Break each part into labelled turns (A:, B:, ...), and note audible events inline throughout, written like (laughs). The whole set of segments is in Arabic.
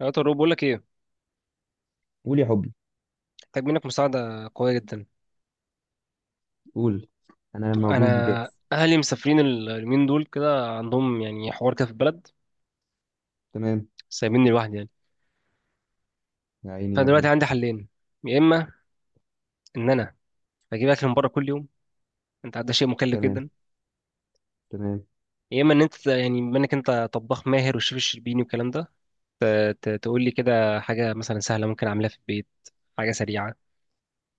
A: يا طارق بقول لك ايه؟
B: قول يا حبي.
A: محتاج منك مساعده قويه جدا.
B: قول، انا موجود
A: انا
B: وجاهز.
A: اهلي مسافرين اليومين دول كده عندهم يعني حوار كده في البلد.
B: تمام.
A: سايبيني لوحدي يعني.
B: يا عيني
A: فانا
B: يا
A: دلوقتي
B: ابني.
A: عندي حلين. يا اما ان انا بجيب اكل من بره كل يوم. انت عارف ده شيء مكلف
B: تمام،
A: جدا.
B: تمام.
A: يا اما ان انت يعني بما انك انت طباخ ماهر والشيف الشربيني والكلام ده تقول لي كده حاجه مثلا سهله ممكن اعملها في البيت. حاجه سريعه.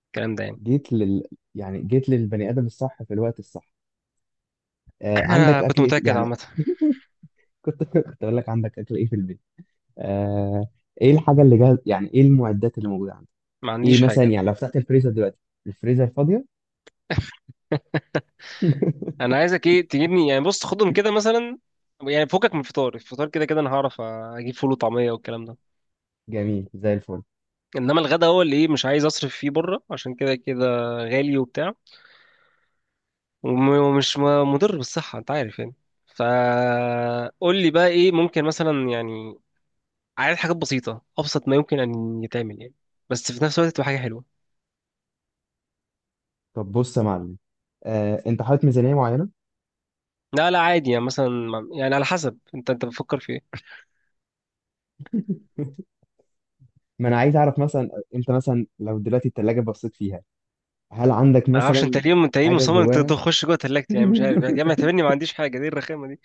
A: الكلام ده يعني.
B: جيت لل يعني جيت للبني ادم الصح في الوقت الصح.
A: (clears throat)
B: آه،
A: (laughs) انا
B: عندك
A: كنت
B: اكل ايه
A: متاكد
B: يعني؟
A: عامه.
B: كنت (laughs) كنت اقول لك عندك اكل ايه في البيت. آه، ايه الحاجه اللي جاهز؟ يعني ايه المعدات اللي موجوده عندك؟
A: ما عنديش
B: ايه مثلا؟
A: حاجه.
B: يعني لو فتحت الفريزر دلوقتي، الفريزر فاضيه. (laughs)
A: انا عايزك ايه تجيبني يعني بص خدهم كده مثلا. يعني فكك من الفطار، الفطار كده كده انا هعرف اجيب فول وطعميه والكلام ده.
B: جميل زي الفل.
A: انما الغدا هو اللي ايه مش عايز اصرف فيه بره عشان كده كده غالي وبتاع. وم- ومش م- مضر بالصحه انت عارف يعني. فقول لي بقى ايه ممكن مثلا يعني. عايز حاجات بسيطه ابسط ما يمكن ان يتعمل يعني، بس في نفس الوقت تبقى حاجه حلوه.
B: طب بص يا معلم، آه، انت حاطط ميزانيه معينه؟
A: لا لا عادي يعني مثلا. يعني على حسب انت بتفكر في ايه.
B: ما انا عايز اعرف مثلا، انت مثلا لو دلوقتي التلاجة بصيت فيها، هل عندك
A: انا معرفش انت
B: مثلا
A: ليه
B: حاجه
A: مصمم انت
B: جواها؟
A: تخش جوه تلاجتي
B: (laughs)
A: يعني مش عارف يعني يا عم اعتبرني ما عنديش حاجه دي الرخامه دي.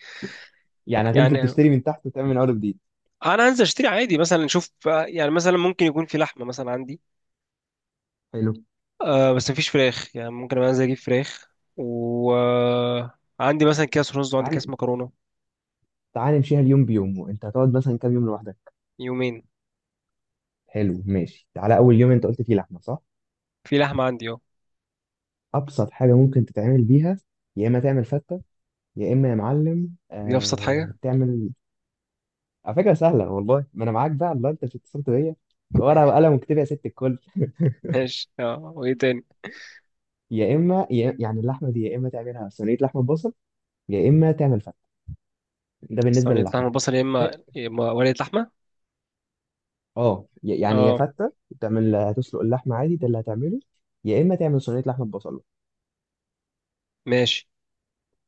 B: يعني هتنزل
A: يعني
B: تشتري من تحت وتعمل من اول جديد؟
A: انا انزل اشتري عادي مثلا اشوف. يعني مثلا ممكن يكون في لحمه مثلا عندي.
B: حلو.
A: آه بس مفيش فراخ يعني ممكن أبقى انزل اجيب فراخ. وعندي مثلا كاس رز وعندي كاس
B: تعال،
A: مكرونه.
B: تعال نمشيها اليوم بيوم. وانت هتقعد مثلا كام يوم لوحدك؟
A: يومين.
B: حلو، ماشي. تعالى اول يوم انت قلت فيه لحمه، صح؟
A: في لحمه عندي اه.
B: ابسط حاجه ممكن تتعمل بيها، يا اما تعمل فته، يا اما يا معلم
A: دي ابسط
B: آه
A: حاجه (laughs)
B: تعمل. على فكره سهله والله، ما انا معاك بقى الله، انت مش اتصلت بيا؟ ورقه وقلم، وكتب يا ست الكل.
A: ماشي اه وايه تاني؟
B: يا اما يا يعني اللحمه دي يا اما تعملها صينيه لحمه بصل، يا اما تعمل فته. ده بالنسبه
A: صينيه
B: للحمه.
A: لحمه بصل، يا اما، يا إما ورقه لحمه.
B: اه، يعني يا
A: اه
B: فته تعمل، هتسلق اللحمه عادي، ده اللي هتعمله. يا اما تعمل صينيه لحمه ببصله.
A: ماشي.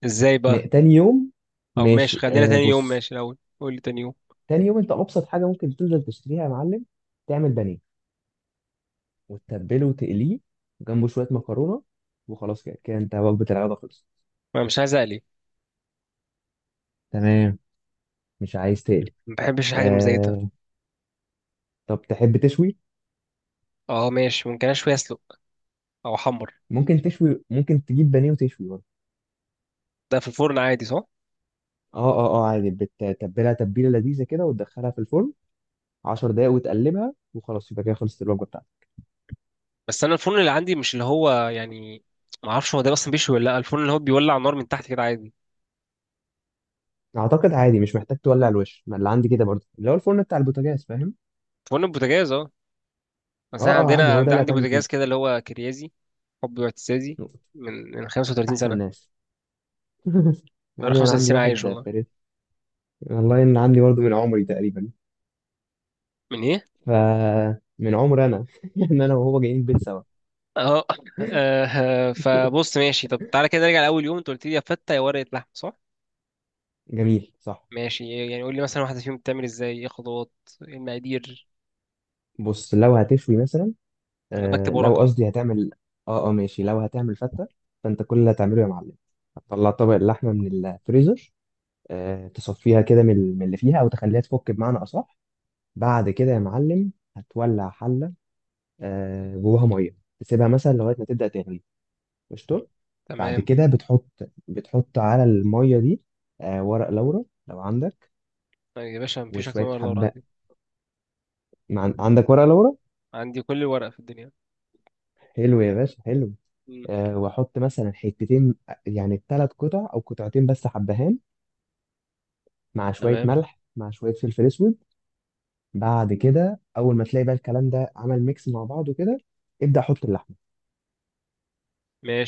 A: ازاي بقى؟
B: تاني يوم،
A: او ماشي
B: ماشي
A: خلينا
B: آه
A: تاني يوم،
B: بص،
A: ماشي الاول قول لي تاني يوم.
B: تاني يوم انت ابسط حاجه ممكن تنزل تشتريها يا معلم، تعمل بانيه وتتبله وتقليه، جنبه شويه مكرونه، وخلاص كده كده انت وجبه العياده خلصت.
A: ما مش عايز اقلي.
B: تمام، مش عايز تقلي.
A: ما بحبش الحاجه المزيته.
B: آه، طب تحب تشوي؟
A: اه ماشي ممكن اشوي اسلق او احمر.
B: ممكن تشوي، ممكن تجيب بانيه وتشوي برضه.
A: ده في الفرن عادي صح؟
B: اه اه اه عادي، بتتبلها تتبيله لذيذه كده وتدخلها في الفرن 10 دقايق وتقلبها، وخلاص يبقى كده خلصت الوجبه بتاعتك.
A: بس انا الفرن اللي عندي مش اللي هو يعني. ما اعرفش هو ده اصلا بيشوي ولا لا. الفرن اللي هو بيولع نار من تحت كده عادي.
B: اعتقد عادي، مش محتاج تولع الوش. ما اللي عندي كده برضه، اللي هو الفرن بتاع البوتاجاز، فاهم؟
A: فرن البوتاجاز اه.
B: اه
A: بس انا
B: اه عادي،
A: عندنا
B: هو ده اللي
A: عندي
B: هتعمل
A: بوتاجاز
B: فيه.
A: كده اللي هو كريازي. حبي واعتزازي. من 35
B: احسن
A: سنه.
B: ناس. (laughs)
A: بقى
B: عادي، انا
A: 35
B: عندي
A: سنه عايش
B: واحد
A: والله.
B: فريد. والله ان عندي برضه من عمري تقريبا.
A: من ايه؟
B: ف من عمري انا (laughs) انا وهو جايين البيت سوا.
A: اه (laughs) آه، فبص ماشي. طب تعالى كده نرجع لاول يوم، انت قلت لي يا فته يا ورقه لحمه صح؟
B: جميل، صح.
A: ماشي يعني قول لي مثلا واحده فيهم بتعمل ازاي، ايه خطوات، ايه المقادير؟
B: بص لو هتشوي مثلا،
A: انا بكتب
B: آه لو
A: ورقه أهو.
B: قصدي هتعمل. اه اه ماشي، لو هتعمل فتة، فانت كل اللي هتعمله يا معلم، هتطلع طبق اللحمة من الفريزر. آه، تصفيها كده من اللي فيها، او تخليها تفك بمعنى اصح. بعد كده يا معلم، هتولع حلة، آه، جواها مية، تسيبها مثلا لغاية ما تبدأ تغلي. قشطة. بعد
A: تمام.
B: كده بتحط على المية دي، آه، ورق لورا لو عندك.
A: طيب يا باشا مفيش اكتر من
B: وشوية
A: ورقه
B: حبة.
A: عندي.
B: عندك ورق لورا؟
A: عندي كل الورقه في الدنيا.
B: حلو يا باشا، حلو.
A: مم.
B: آه، واحط مثلا حتتين، يعني ثلاث قطع او قطعتين بس حبهان، مع شوية
A: تمام
B: ملح، مع شوية فلفل اسود. بعد كده اول ما تلاقي بقى الكلام ده عمل ميكس مع بعضه كده، ابدأ حط اللحمة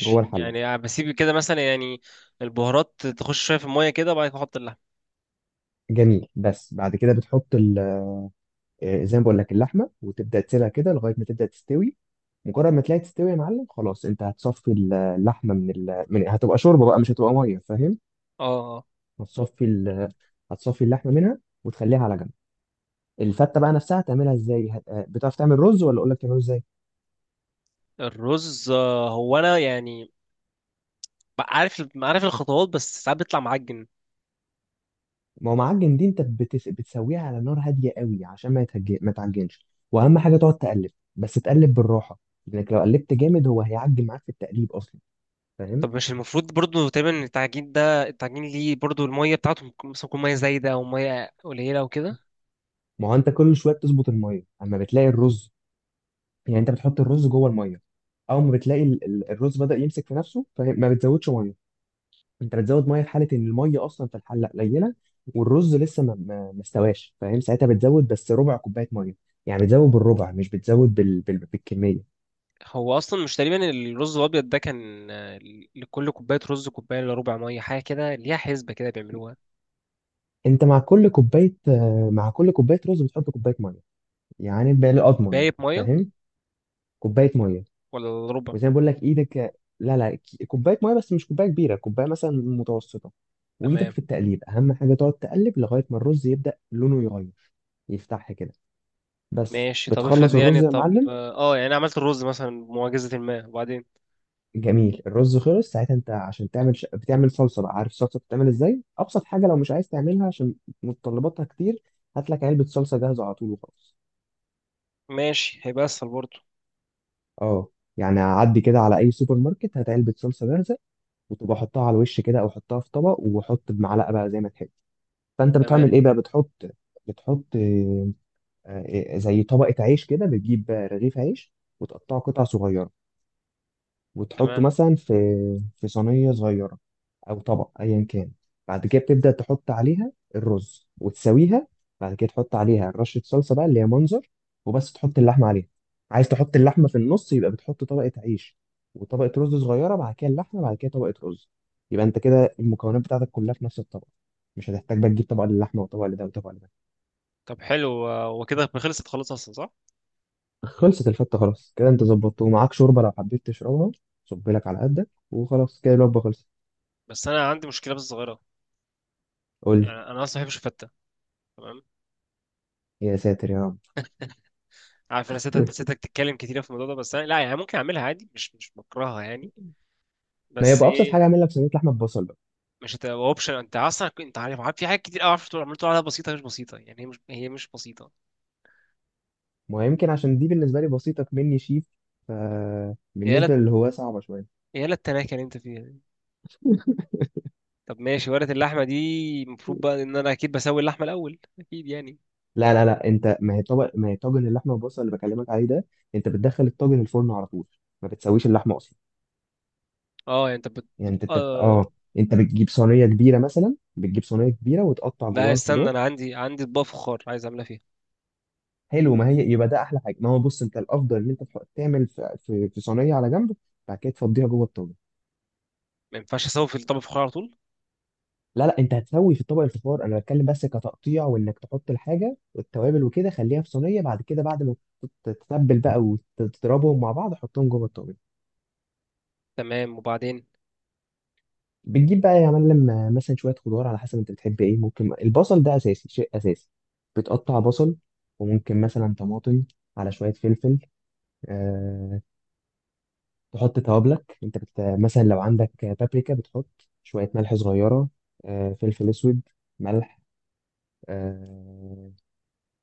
B: جوه الحلة.
A: يعني بسيب كده مثلا يعني البهارات تخش شويه في الميه كده وبعد كده احط اللحم.
B: جميل، بس بعد كده بتحط، آه، زي ما بقول لك اللحمه، وتبدا تسيبها كده لغايه ما تبدا تستوي. مجرد ما تلاقي تستوي يا معلم خلاص، انت هتصفي اللحمه من من، هتبقى شوربه بقى مش هتبقى ميه، فاهم؟
A: اه اه.
B: هتصفي ال... هتصفي اللحمه منها وتخليها على جنب. الفته بقى نفسها هتعملها ازاي؟ آه، بتعرف تعمل رز ولا اقول لك تعمله ازاي؟
A: الرز آه، هو انا يعني عارف عارف الخطوات بس ساعات بيطلع معجن.
B: ما هو معجن دي انت بتسويها على نار هاديه قوي عشان ما ما تعجنش. واهم حاجه تقعد تقلب، بس تقلب بالراحه، لانك لو قلبت جامد هو هيعجن معاك في التقليب اصلا، فاهم؟
A: طب مش المفروض برضو تقريبا إن التعجين ده، التعجين ليه برضو الميه بتاعته ممكن- مثلا تكون ميه زايده او ميه قليله او كده.
B: ما هو انت كل شويه بتظبط الميه اما بتلاقي الرز. يعني انت بتحط الرز جوه الميه، اول ما بتلاقي الرز بدأ يمسك في نفسه فما بتزودش ميه. انت بتزود ميه في حاله ان الميه اصلا في الحله قليله والرز لسه ما استواش، فاهم؟ ساعتها بتزود بس ربع كوبايه ميه، يعني بتزود بالربع مش بتزود بالكميه.
A: هو اصلا مش تقريبا الرز الابيض ده كان آه، لكل كوبايه رز كوبايه الا ربع ميه، حاجه كده ليها حسبه كده بيعملوها.
B: انت مع كل كوبايه، آه، مع كل كوبايه رز بتحط كوبايه ميه، يعني بقى اضمن،
A: باقي ميه
B: فاهم؟ كوبايه ميه.
A: ولا ربع؟
B: وزي ما بقول لك ايدك، لا لا، كوبايه ميه، بس مش كوبايه كبيره، كوبايه مثلا متوسطه. وايدك
A: تمام
B: في التقليب اهم حاجه، تقعد تقلب لغايه ما الرز يبدا لونه يغير، يفتح كده، بس
A: ماشي. طب افرض
B: بتخلص
A: يعني،
B: الرز يا
A: طب
B: معلم.
A: اه يعني أنا عملت الرز مثلا بمعجزة ما، وبعدين؟
B: جميل، الرز خلص. ساعتها انت عشان تعمل بتعمل صلصه بقى، عارف الصلصه بتتعمل ازاي؟ ابسط حاجه لو مش عايز تعملها عشان متطلباتها كتير، هات لك علبه صلصه جاهزه على طول وخلاص.
A: ماشي هيبقى اسهل برضه.
B: اه. يعني عدي كده على اي سوبر ماركت، هات علبه صلصه جاهزه، وتبقى حطها على الوش كده، او حطها في طبق وحط بمعلقه بقى زي ما تحب. فانت
A: تمام.
B: بتعمل ايه بقى؟ بتحط آه، آه، زي طبقه عيش كده، بتجيب آه، رغيف عيش وتقطعه قطع صغيره، وتحطه
A: تمام.
B: مثلا في في صينيه صغيره او طبق ايا كان. بعد كده بتبدا تحط عليها الرز وتسويها. بعد كده تحط عليها رشه صلصه بقى اللي هي منظر، وبس تحط اللحمه عليها. عايز تحط اللحمه في النص، يبقى بتحط طبقه عيش وطبقه رز صغيره، بعد كده اللحمه، بعد كده طبقه رز. يبقى انت كده المكونات بتاعتك كلها في نفس الطبق، مش هتحتاج بقى تجيب طبق للحمه وطبق لده وطبق لده.
A: طب حلو آه، وكده خلصت خلاص اصلا صح؟
B: خلصت الفتة خلاص، كده انت ظبطته ومعاك شوربة لو حبيت تشربها، صب لك على قدك وخلاص، كده الوجبة خلصت.
A: بس انا عندي مشكلة بس صغيرة.
B: قول
A: يعني
B: لي.
A: انا اصلا ما بحبش الفتة. تمام.
B: يا ساتر يا رب.
A: عارف انا ستك
B: (laughs)
A: ستك تتكلم كتير في الموضوع ده، بس انا لا يعني ممكن اعملها عادي مش بكرهها يعني.
B: ما
A: بس
B: يبقى ابسط
A: ايه.
B: حاجة اعمل لك صينية لحمة ببصل بقى.
A: مش هتبقى اوبشن انت اصلا انت عارف، عارف في حاجات كتير قوي عارف تقول عملت عليها بسيطة مش بسيطة، يعني هي مش بسيطة.
B: ما يمكن عشان دي بالنسبة لي بسيطة مني شيف،
A: يا لا،
B: فبالنسبة للي هو صعبة شوية.
A: يا لا التناكة اللي انت فيها. طب ماشي ورقة اللحمة دي، المفروض بقى ان انا اكيد بسوي اللحمة الاول اكيد يعني.
B: لا لا لا، انت ما هي طبق، ما هي طاجن اللحمة بالبصل اللي بكلمك عليه ده، انت بتدخل الطاجن الفرن على طول، ما بتسويش اللحمة اصلا.
A: اه يعني انت
B: يعني انت انت
A: آه...
B: اه انت
A: مم.
B: بتجيب صينية كبيرة، مثلا بتجيب صينية كبيرة وتقطع
A: لا
B: جواها
A: استنى
B: الخضار.
A: انا عندي اطباق فخار عايز اعملها فيها.
B: حلو، ما هي يبقى ده احلى حاجه. ما هو بص انت الافضل ان انت تعمل في صينيه على جنب، بعد كده تفضيها جوه الطاجن.
A: ما ينفعش اسوي في الطبق فخار على طول؟
B: لا لا، انت هتسوي في طبق الفخار، انا بتكلم بس كتقطيع وانك تحط الحاجه والتوابل وكده، خليها في صينيه، بعد كده بعد ما تت- تتبل بقى وتضربهم مع بعض، حطهم جوه الطاجن.
A: تمام، وبعدين؟
B: بتجيب بقى يا معلم آه، مثلا شويه خضار، على حسب انت بتحب ايه. ممكن البصل ده اساسي، شيء اساسي. بتقطع بصل، وممكن مثلا طماطم، على شويه فلفل، آه، تحط توابلك. انت مثلا لو عندك بابريكا، بتحط شوية ملح صغيرة، آه، فلفل اسود، ملح، آه،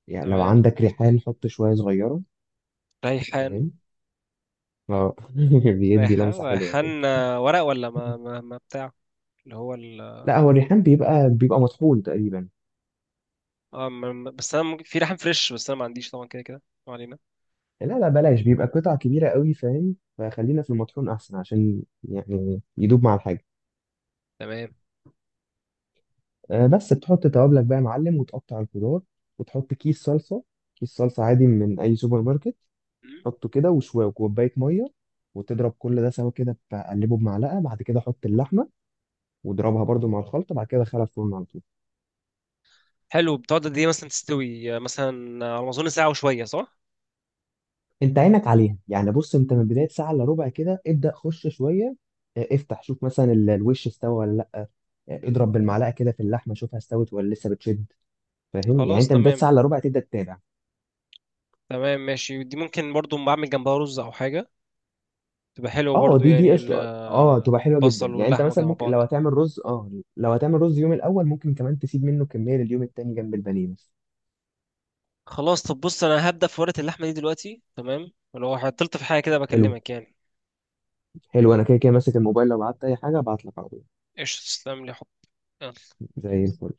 B: يعني لو
A: تمام.
B: عندك ريحان حط شوية صغيرة،
A: ريحان
B: فاهم؟ اه، (laughs) بيدي لمسة حلوة كده.
A: ريحان آه، ورق ولا ما بتاع اللي هو ال...
B: لا، هو الريحان بيبقى بيبقى مطحون تقريبا.
A: اه ما- بس انا ممكن... في ريحان فريش بس انا ما عنديش طبعا. كده كده ما علينا.
B: لا لا، بلاش، بيبقى قطع كبيرة قوي، فاهم؟ فخلينا في المطحون احسن عشان يعني يدوب مع الحاجة.
A: تمام.
B: آه، بس بتحط توابلك بقى يا معلم وتقطع الخضار، وتحط كيس صلصة، كيس صلصة عادي من أي سوبر ماركت.
A: مم.
B: حطه كده، وشويه وكوبايه ميه، وتضرب كل ده سوا كده، تقلبه بمعلقه، بعد كده حط اللحمه واضربها برضو مع الخلطه، بعد كده دخلها الفرن على طول.
A: حلو. بتقعد قد ايه مثلا تستوي آه، مثلا آه، على ما اظن ساعة وشوية صح؟
B: انت عينك عليها، يعني بص انت من بدايه ساعه الا ربع كده ابدا خش شويه، اه، افتح شوف مثلا الوش استوى ولا لا، اه، اضرب بالمعلقه كده في اللحمه، شوفها استوت ولا لسه بتشد، فاهم؟ يعني
A: خلاص
B: انت من بدايه ساعه
A: تمام.
B: الا ربع تبدا تتابع.
A: تمام ماشي. دي ممكن برضو بعمل جنبها رز او حاجه، تبقى حلوه
B: اه
A: برضو
B: دي دي
A: يعني
B: قشطه، اه تبقى حلوه جدا.
A: البصل
B: يعني انت
A: واللحمه
B: مثلا
A: كده مع
B: ممكن لو
A: بعض.
B: هتعمل رز، اه لو هتعمل رز يوم الاول ممكن كمان تسيب منه كميه لليوم التاني جنب البانيه بس.
A: خلاص طب بص انا هبدا في ورقه اللحمه دي دلوقتي، تمام، ولو عطلت في حاجه كده
B: حلو.
A: بكلمك يعني.
B: حلو، انا كده كده ماسك الموبايل، لو قعدت اي حاجه ابعت لك على طول.
A: ايش تسلم لي. حب.
B: زي الفل.